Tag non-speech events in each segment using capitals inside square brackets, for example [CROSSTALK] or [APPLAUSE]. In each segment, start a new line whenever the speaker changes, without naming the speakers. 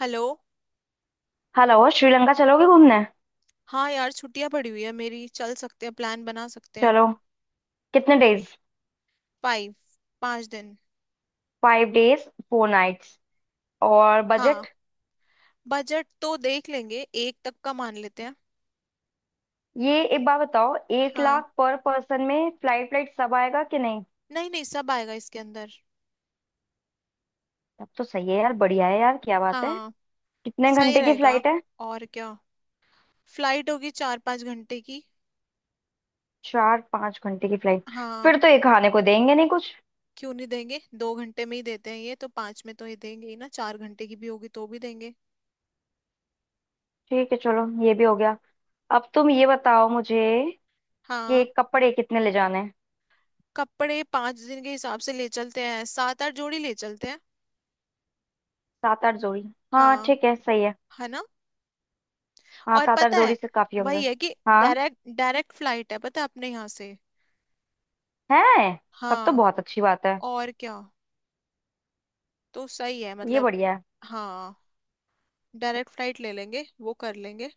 Hello.
Hello. Sri Lanka चलोगे घूमने।
हाँ यार, छुट्टियां पड़ी हुई है मेरी, चल सकते हैं, प्लान बना सकते हैं।
चलो। कितने डेज।
फाइव। पाँच दिन।
5 days 4 nights। और
हाँ,
बजट।
बजट तो देख लेंगे, एक तक का मान लेते हैं।
ये एक बात बताओ, एक
हाँ,
लाख पर पर्सन में फ्लाइट फ्लाइट सब आएगा कि नहीं।
नहीं नहीं, सब आएगा इसके अंदर।
तब तो सही है यार, बढ़िया है यार, क्या बात है।
हाँ,
कितने
सही
घंटे की
रहेगा।
फ्लाइट है।
और क्या। फ्लाइट होगी चार पाँच घंटे की।
4 5 घंटे की फ्लाइट।
हाँ,
फिर तो ये खाने को देंगे नहीं कुछ।
क्यों नहीं देंगे, दो घंटे में ही देते हैं ये तो, पाँच में तो ये देंगे ही ना, चार घंटे की भी होगी तो भी देंगे।
ठीक है, चलो ये भी हो गया। अब तुम ये बताओ मुझे कि
हाँ,
कपड़े कितने ले जाने हैं।
कपड़े पाँच दिन के हिसाब से ले चलते हैं, सात आठ जोड़ी ले चलते हैं।
7 8 जोड़ी। हाँ
हाँ,
ठीक है, सही है।
है ना।
हाँ,
और
सात आठ
पता
जोड़ी
है,
से काफी होंगे।
वही है कि,
हाँ।
डायरेक्ट डायरेक्ट फ्लाइट है पता है अपने यहाँ से।
है। तब तो
हाँ,
बहुत अच्छी बात है।
और क्या, तो सही है
ये
मतलब।
बढ़िया है।
हाँ, डायरेक्ट फ्लाइट ले लेंगे, वो कर लेंगे।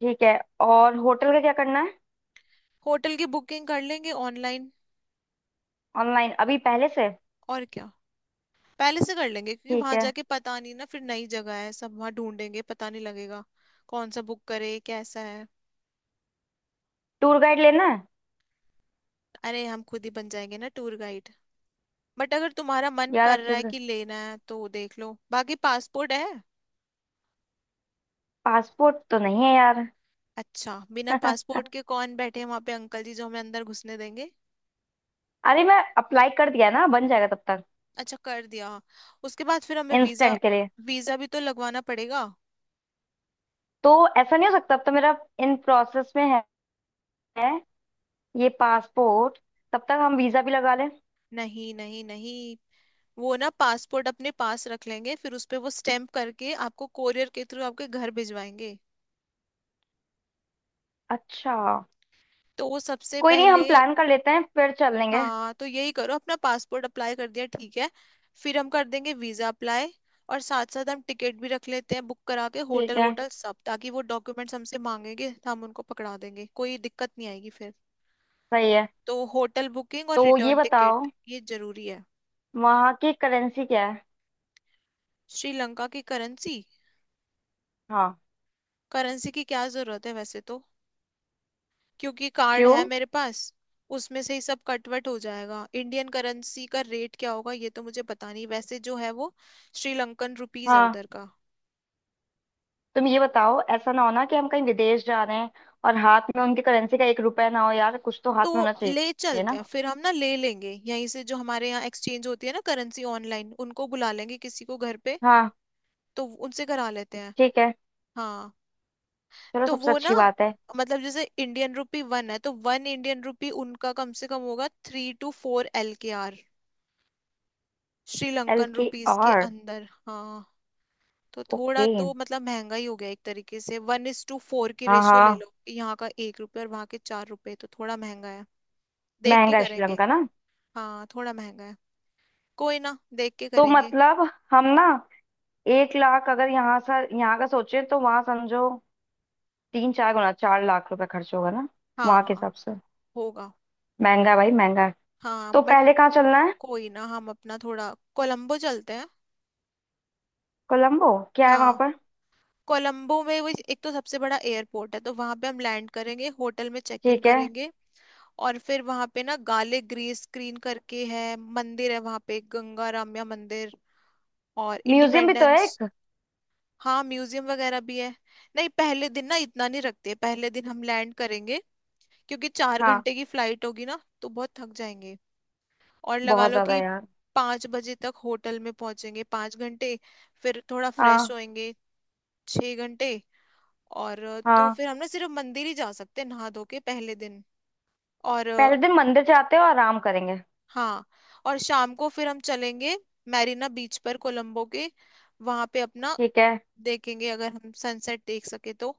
ठीक है, और होटल का क्या करना है।
होटल की बुकिंग कर लेंगे ऑनलाइन।
ऑनलाइन अभी पहले से।
और क्या, पहले से कर लेंगे क्योंकि
ठीक
वहां
है।
जाके पता नहीं ना, फिर नई जगह है, सब वहां ढूंढेंगे, पता नहीं लगेगा कौन सा बुक करे, कैसा है।
टूर गाइड लेना है।
अरे हम खुद ही बन जाएंगे ना टूर गाइड। बट अगर तुम्हारा मन
यार
कर
अच्छे
रहा है
से।
कि लेना है तो देख लो, बाकी पासपोर्ट है।
पासपोर्ट तो नहीं है यार।
अच्छा, बिना
[LAUGHS]
पासपोर्ट के कौन बैठे हैं वहां पे अंकल जी जो हमें अंदर घुसने देंगे।
अरे मैं अप्लाई कर दिया ना, बन जाएगा तब तक।
अच्छा कर दिया। उसके बाद फिर हमें वीजा,
इंस्टेंट के लिए।
वीजा भी तो लगवाना पड़ेगा।
तो ऐसा नहीं हो सकता अब, तो मेरा इन प्रोसेस में है। है। ये पासपोर्ट। तब तक हम वीजा भी लगा लें।
नहीं नहीं नहीं, वो ना पासपोर्ट अपने पास रख लेंगे, फिर उस पे वो स्टैम्प करके आपको कोरियर के थ्रू आपके घर भिजवाएंगे।
अच्छा।
तो वो सबसे
कोई नहीं, हम
पहले।
प्लान कर लेते हैं फिर चल लेंगे।
हाँ तो यही करो, अपना पासपोर्ट अप्लाई कर दिया, ठीक है। फिर हम कर देंगे वीजा अप्लाई, और साथ साथ हम टिकट भी रख लेते हैं बुक करा के,
ठीक
होटल
है।
वोटल सब, ताकि वो डॉक्यूमेंट्स हमसे मांगेंगे तो हम उनको पकड़ा देंगे, कोई दिक्कत नहीं आएगी फिर।
सही है।
तो होटल बुकिंग और
तो ये
रिटर्न
बताओ
टिकट ये जरूरी है।
वहाँ की करेंसी क्या है।
श्रीलंका की करेंसी,
हाँ।
करेंसी की क्या जरूरत है वैसे तो, क्योंकि कार्ड है
क्यों।
मेरे पास, उसमें से ही सब कटवट हो जाएगा। इंडियन करेंसी का रेट क्या होगा ये तो मुझे पता नहीं, वैसे जो है वो श्रीलंकन रुपीज है
हाँ,
उधर का।
तुम ये बताओ, ऐसा ना हो ना कि हम कहीं विदेश जा रहे हैं और हाथ में उनकी करेंसी का एक रुपया ना हो यार, कुछ तो
तो
हाथ में होना
ले
चाहिए
चलते
ना।
हैं फिर, हम ना ले लेंगे यहीं से, जो हमारे यहाँ एक्सचेंज होती है ना करेंसी ऑनलाइन, उनको बुला लेंगे किसी को घर पे,
हाँ।
तो उनसे करा लेते हैं।
ठीक है।
हाँ,
चलो,
तो
सबसे
वो ना,
अच्छी बात है।
मतलब जैसे इंडियन रुपी वन है तो वन इंडियन रुपी उनका कम से कम होगा three two four L K R,
L
Sri Lankan
की
रुपीज के
आर।
अंदर। हाँ, तो थोड़ा
ओके।
तो मतलब महंगा ही हो गया एक तरीके से, वन इज टू फोर की
हाँ
रेशियो ले
हाँ।
लो, यहाँ का एक रुपये और वहाँ के चार रुपए, तो थोड़ा महंगा है। देख के
महंगा है
करेंगे।
श्रीलंका ना।
हाँ, थोड़ा महंगा है, कोई ना, देख के
तो
करेंगे।
मतलब हम ना, 1 लाख अगर यहाँ सा यहाँ का सोचे तो वहां समझो 3 4 गुना, ₹4 लाख खर्च होगा ना, वहां के
हाँ,
हिसाब से।
होगा।
महंगा है भाई, महंगा है।
हाँ,
तो
बट
पहले कहाँ चलना है।
कोई ना, हम अपना थोड़ा, कोलंबो चलते हैं।
कोलंबो। क्या है वहां
हाँ,
पर।
कोलंबो में वो एक तो सबसे बड़ा एयरपोर्ट है, तो वहां पे हम लैंड करेंगे, होटल में चेक इन
ठीक है।
करेंगे। और फिर वहां पे ना गाले ग्रीस स्क्रीन करके है, मंदिर है वहां पे, गंगा रामया मंदिर, और
म्यूजियम भी तो है
इंडिपेंडेंस।
एक।
हाँ, म्यूजियम वगैरह भी है। नहीं, पहले दिन ना इतना नहीं रखते, पहले दिन हम लैंड करेंगे क्योंकि चार
हाँ।
घंटे की फ्लाइट होगी ना, तो बहुत थक जाएंगे। और लगा
बहुत
लो
ज्यादा
कि
यार।
पाँच बजे तक होटल में पहुंचेंगे, पाँच घंटे। फिर थोड़ा फ्रेश
हाँ
होएंगे, छः घंटे। और तो
हाँ।
फिर हम ना सिर्फ मंदिर ही जा सकते हैं नहा धो के, पहले दिन। और
पहले दिन मंदिर जाते हैं और आराम करेंगे।
हाँ, और शाम को फिर हम चलेंगे मैरीना बीच पर, कोलंबो के, वहां पे अपना
ठीक है
देखेंगे अगर हम सनसेट देख सके तो।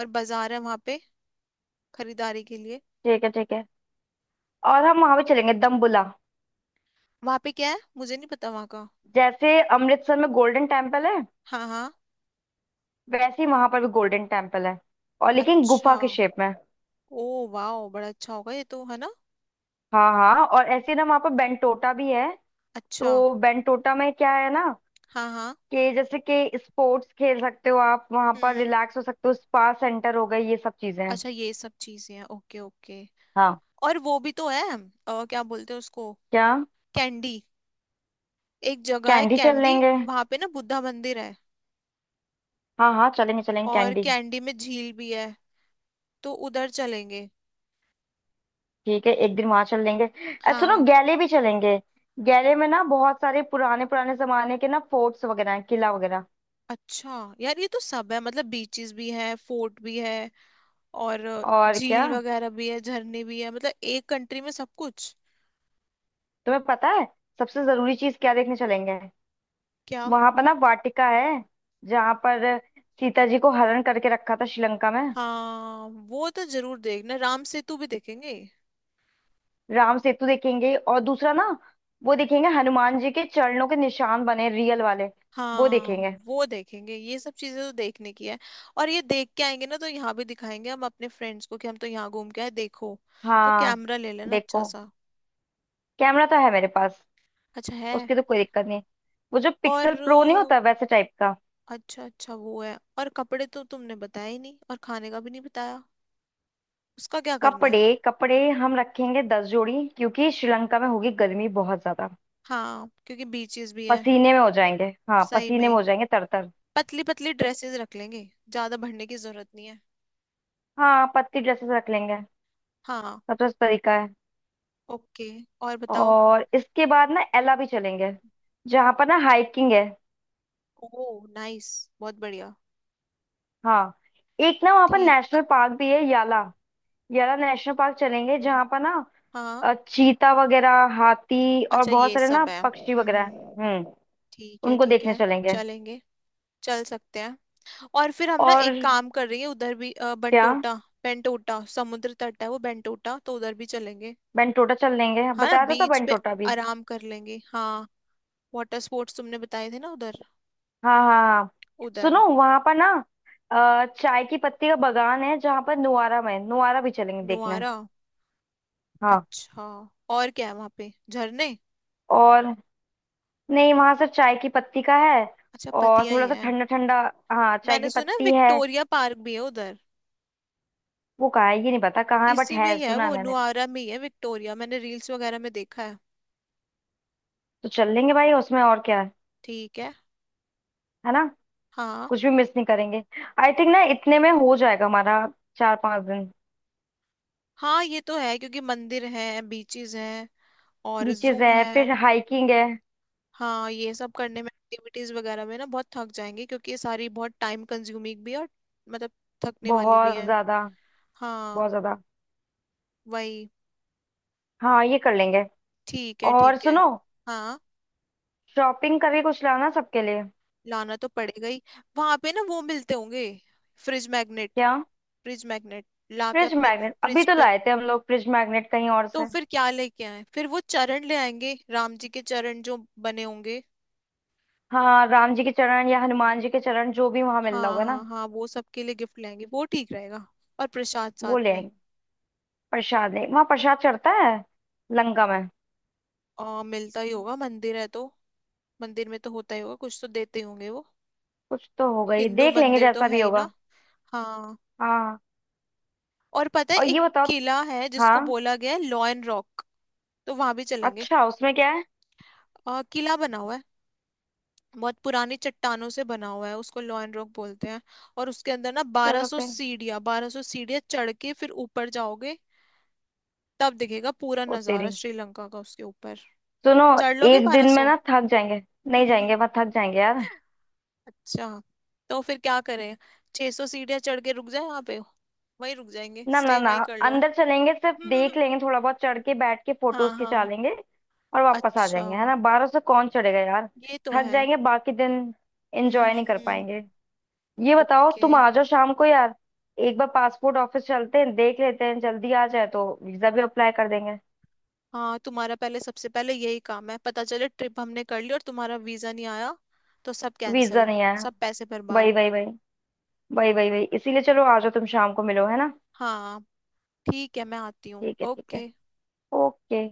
और बाजार है वहां पे खरीदारी के लिए।
ठीक है। ठीक है, और हम वहां भी चलेंगे दम्बुला।
वहां पे क्या है मुझे नहीं पता वहां का।
जैसे अमृतसर में गोल्डन टेम्पल है,
हाँ हाँ।
वैसे ही वहां पर भी गोल्डन टेम्पल है, और लेकिन
अच्छा।
गुफा के शेप में।
ओ, वाह, बड़ा अच्छा होगा ये तो, है ना।
हाँ हाँ, और ऐसे ही ना वहां पर बेंटोटा भी है।
अच्छा।
तो बेंटोटा में क्या है ना
हाँ हाँ।
कि जैसे कि स्पोर्ट्स खेल सकते हो, आप वहां पर
हम्म,
रिलैक्स हो सकते हो, स्पा सेंटर हो गए, ये सब चीजें हैं।
अच्छा, ये सब चीजें हैं, ओके ओके।
हाँ।
और वो भी तो है, क्या बोलते हैं उसको,
क्या।
कैंडी। एक जगह है
कैंडी चल
कैंडी,
लेंगे।
वहां पे ना बुद्धा मंदिर है।
हाँ हाँ, चलेंगे चलेंगे
और
कैंडी।
कैंडी में झील भी है, तो उधर चलेंगे।
ठीक है, एक दिन वहां चल लेंगे। सुनो,
हाँ।
गैले भी चलेंगे। गैले में ना बहुत सारे पुराने पुराने जमाने के ना फोर्ट्स वगैरह हैं, किला वगैरह।
अच्छा यार, ये तो सब है मतलब, बीचेस भी है, फोर्ट भी है, और
और क्या।
झील वगैरह भी है, झरने भी है, मतलब एक कंट्री में सब कुछ।
तुम्हें पता है सबसे जरूरी चीज क्या देखने चलेंगे।
क्या।
वहां पर ना वाटिका है, जहां पर सीता जी को हरण करके रखा था श्रीलंका में।
हाँ वो तो जरूर देखना, राम सेतु भी देखेंगे।
राम सेतु देखेंगे, और दूसरा ना, वो देखेंगे हनुमान जी के चरणों के निशान बने, रियल वाले। वो
हाँ
देखेंगे।
वो देखेंगे, ये सब चीजें तो देखने की है। और ये देख के आएंगे ना, तो यहाँ भी दिखाएंगे हम अपने फ्रेंड्स को, कि हम तो यहाँ घूम के आए देखो। तो
हाँ।
कैमरा ले लेना अच्छा
देखो,
सा।
कैमरा तो है मेरे पास,
अच्छा है।
उसकी तो कोई दिक्कत नहीं। वो जो
और
पिक्सल प्रो नहीं होता
अ,
वैसे टाइप का।
अच्छा अच्छा वो है। और कपड़े तो तुमने बताया ही नहीं, और खाने का भी नहीं बताया, उसका क्या करना
कपड़े।
है।
कपड़े हम रखेंगे 10 जोड़ी, क्योंकि श्रीलंका में होगी गर्मी बहुत ज्यादा।
हाँ, क्योंकि बीचेस भी है।
पसीने में हो जाएंगे, हाँ
सही
पसीने में
में,
हो जाएंगे तरतर।
पतली पतली ड्रेसेस रख लेंगे, ज्यादा भरने की जरूरत नहीं है।
हाँ पतली ड्रेसेस रख लेंगे,
हाँ।
सबसे अच्छा तरीका है।
ओके, और बताओ।
और इसके बाद ना एला भी चलेंगे, जहाँ पर ना हाइकिंग है।
ओ नाइस, बहुत बढ़िया।
हाँ। एक ना वहाँ पर
ठीक।
नेशनल पार्क भी है, याला। याला नेशनल पार्क चलेंगे,
हम्म,
जहाँ पर ना
हाँ,
चीता वगैरह, हाथी, और
अच्छा,
बहुत
ये
सारे ना
सब है।
पक्षी वगैरह हैं। हम्म।
ठीक है
उनको
ठीक
देखने
है।
चलेंगे।
चलेंगे, चल सकते हैं। और फिर हम ना
और
एक काम कर रही है, उधर भी
क्या।
बंटोटा, बेंटोटा समुद्र तट है वो, बेंटोटा तो उधर भी चलेंगे।
बेंटोटा चल लेंगे,
हाँ ना,
बताया तो था
बीच पे
बेंटोटा भी।
आराम कर लेंगे। हाँ, वाटर स्पोर्ट्स तुमने बताए थे ना उधर।
हाँ हाँ हाँ।
उधर।
सुनो, वहां पर ना चाय की पत्ती का बागान है, जहां पर नुआरा में, नुआरा भी चलेंगे देखने।
नुआरा।
हाँ।
अच्छा। और क्या है वहां पे, झरने।
और, नहीं वहां से चाय की पत्ती का है,
अच्छा,
और
पतिया ही
थोड़ा सा
है।
ठंडा ठंडा। हाँ, चाय की
मैंने सुना
पत्ती है।
विक्टोरिया पार्क भी है उधर।
वो कहाँ है ये नहीं पता, कहाँ है, बट
इसी में
है,
ही है
सुना है
वो,
मैंने।
नुआरा में ही है विक्टोरिया, मैंने रील्स वगैरह में देखा है।
तो चल लेंगे भाई, उसमें और क्या है
ठीक है।
है ना।
हाँ।
कुछ भी मिस नहीं करेंगे। आई थिंक ना इतने में हो जाएगा हमारा, 4 5 दिन।
हाँ, ये तो है क्योंकि मंदिर हैं, बीचेस हैं, और जू
बीचेस है,
है।
फिर हाइकिंग है।
हाँ, ये सब करने में, एक्टिविटीज वगैरह में ना बहुत थक जाएंगे, क्योंकि ये सारी बहुत टाइम कंज्यूमिंग भी है, और मतलब, थकने वाली भी
बहुत
है।
ज्यादा,
हाँ,
बहुत ज्यादा।
वही।
हाँ ये कर लेंगे।
ठीक है
और
ठीक है।
सुनो,
हाँ,
शॉपिंग करके कुछ लाना सबके लिए।
लाना तो पड़ेगा ही। वहां पे ना वो मिलते होंगे, फ्रिज मैग्नेट।
क्या।
फ्रिज मैग्नेट ला के
फ्रिज
अपने
मैग्नेट अभी
फ्रिज
तो
पे।
लाए थे हम लोग, फ्रिज मैग्नेट कहीं और
तो
से।
फिर क्या लेके आए, फिर वो चरण ले आएंगे, राम जी के चरण जो बने होंगे।
हाँ राम जी के चरण या हनुमान जी के चरण, जो भी वहां मिल रहा
हाँ
होगा ना,
हाँ हाँ, वो सबके लिए गिफ्ट लाएंगे, वो ठीक रहेगा। और प्रसाद साथ
वो ले
में।
आएंगे। प्रसाद नहीं, वहां प्रसाद चढ़ता है, लंका में।
मिलता ही होगा, मंदिर है तो, मंदिर में तो होता ही होगा, कुछ तो देते ही होंगे वो।
कुछ तो होगा, ये
हिंदू
देख लेंगे
मंदिर तो
जैसा
है
भी
ही ना।
होगा।
हाँ।
हाँ।
और पता है,
और
एक
ये बताओ।
किला है जिसको
हाँ।
बोला गया है लॉयन रॉक, तो वहां भी चलेंगे।
अच्छा उसमें क्या है।
किला बना हुआ है, बहुत पुरानी चट्टानों से बना हुआ है, उसको लॉयन रॉक बोलते हैं। और उसके अंदर ना बारह
चलो
सौ
फिर।
सीढ़ियाँ, बारह सौ सीढ़ियाँ चढ़ के फिर ऊपर जाओगे, तब दिखेगा पूरा
ओ
नजारा
तेरी।
श्रीलंका का उसके ऊपर।
सुनो,
चढ़ लोगे
एक
बारह
दिन में
सौ।
ना थक जाएंगे। नहीं जाएंगे वहां,
[LAUGHS]
थक जाएंगे यार।
अच्छा, तो फिर क्या करें, 600 सौ सीढ़ियाँ चढ़ के रुक जाए वहां पे, वहीं रुक जाएंगे,
ना ना
स्टे
ना।
वहीं कर लो।
अंदर चलेंगे, सिर्फ देख
[LAUGHS]
लेंगे, थोड़ा बहुत चढ़ के बैठ के
हाँ
फोटोज खिंचा
हाँ,
लेंगे और वापस आ
अच्छा,
जाएंगे, है ना। 1200 कौन चढ़ेगा यार,
ये तो
थक
है।
जाएंगे बाकी दिन, एंजॉय नहीं कर
हम्म।
पाएंगे। ये बताओ
ओके।
तुम आ जाओ शाम को यार। एक बार पासपोर्ट ऑफिस चलते हैं, देख लेते हैं, जल्दी आ जाए तो वीजा भी अप्लाई कर देंगे।
हाँ, तुम्हारा पहले, सबसे पहले यही काम है, पता चले ट्रिप हमने कर ली और तुम्हारा वीजा नहीं आया, तो सब
वीजा
कैंसिल,
नहीं आया।
सब पैसे
वही
बर्बाद।
वही वही, वही वही वही, इसीलिए चलो, आ जाओ तुम शाम को, मिलो, है ना।
हाँ ठीक है, मैं आती हूँ,
ठीक है ठीक है।
ओके।
ओके।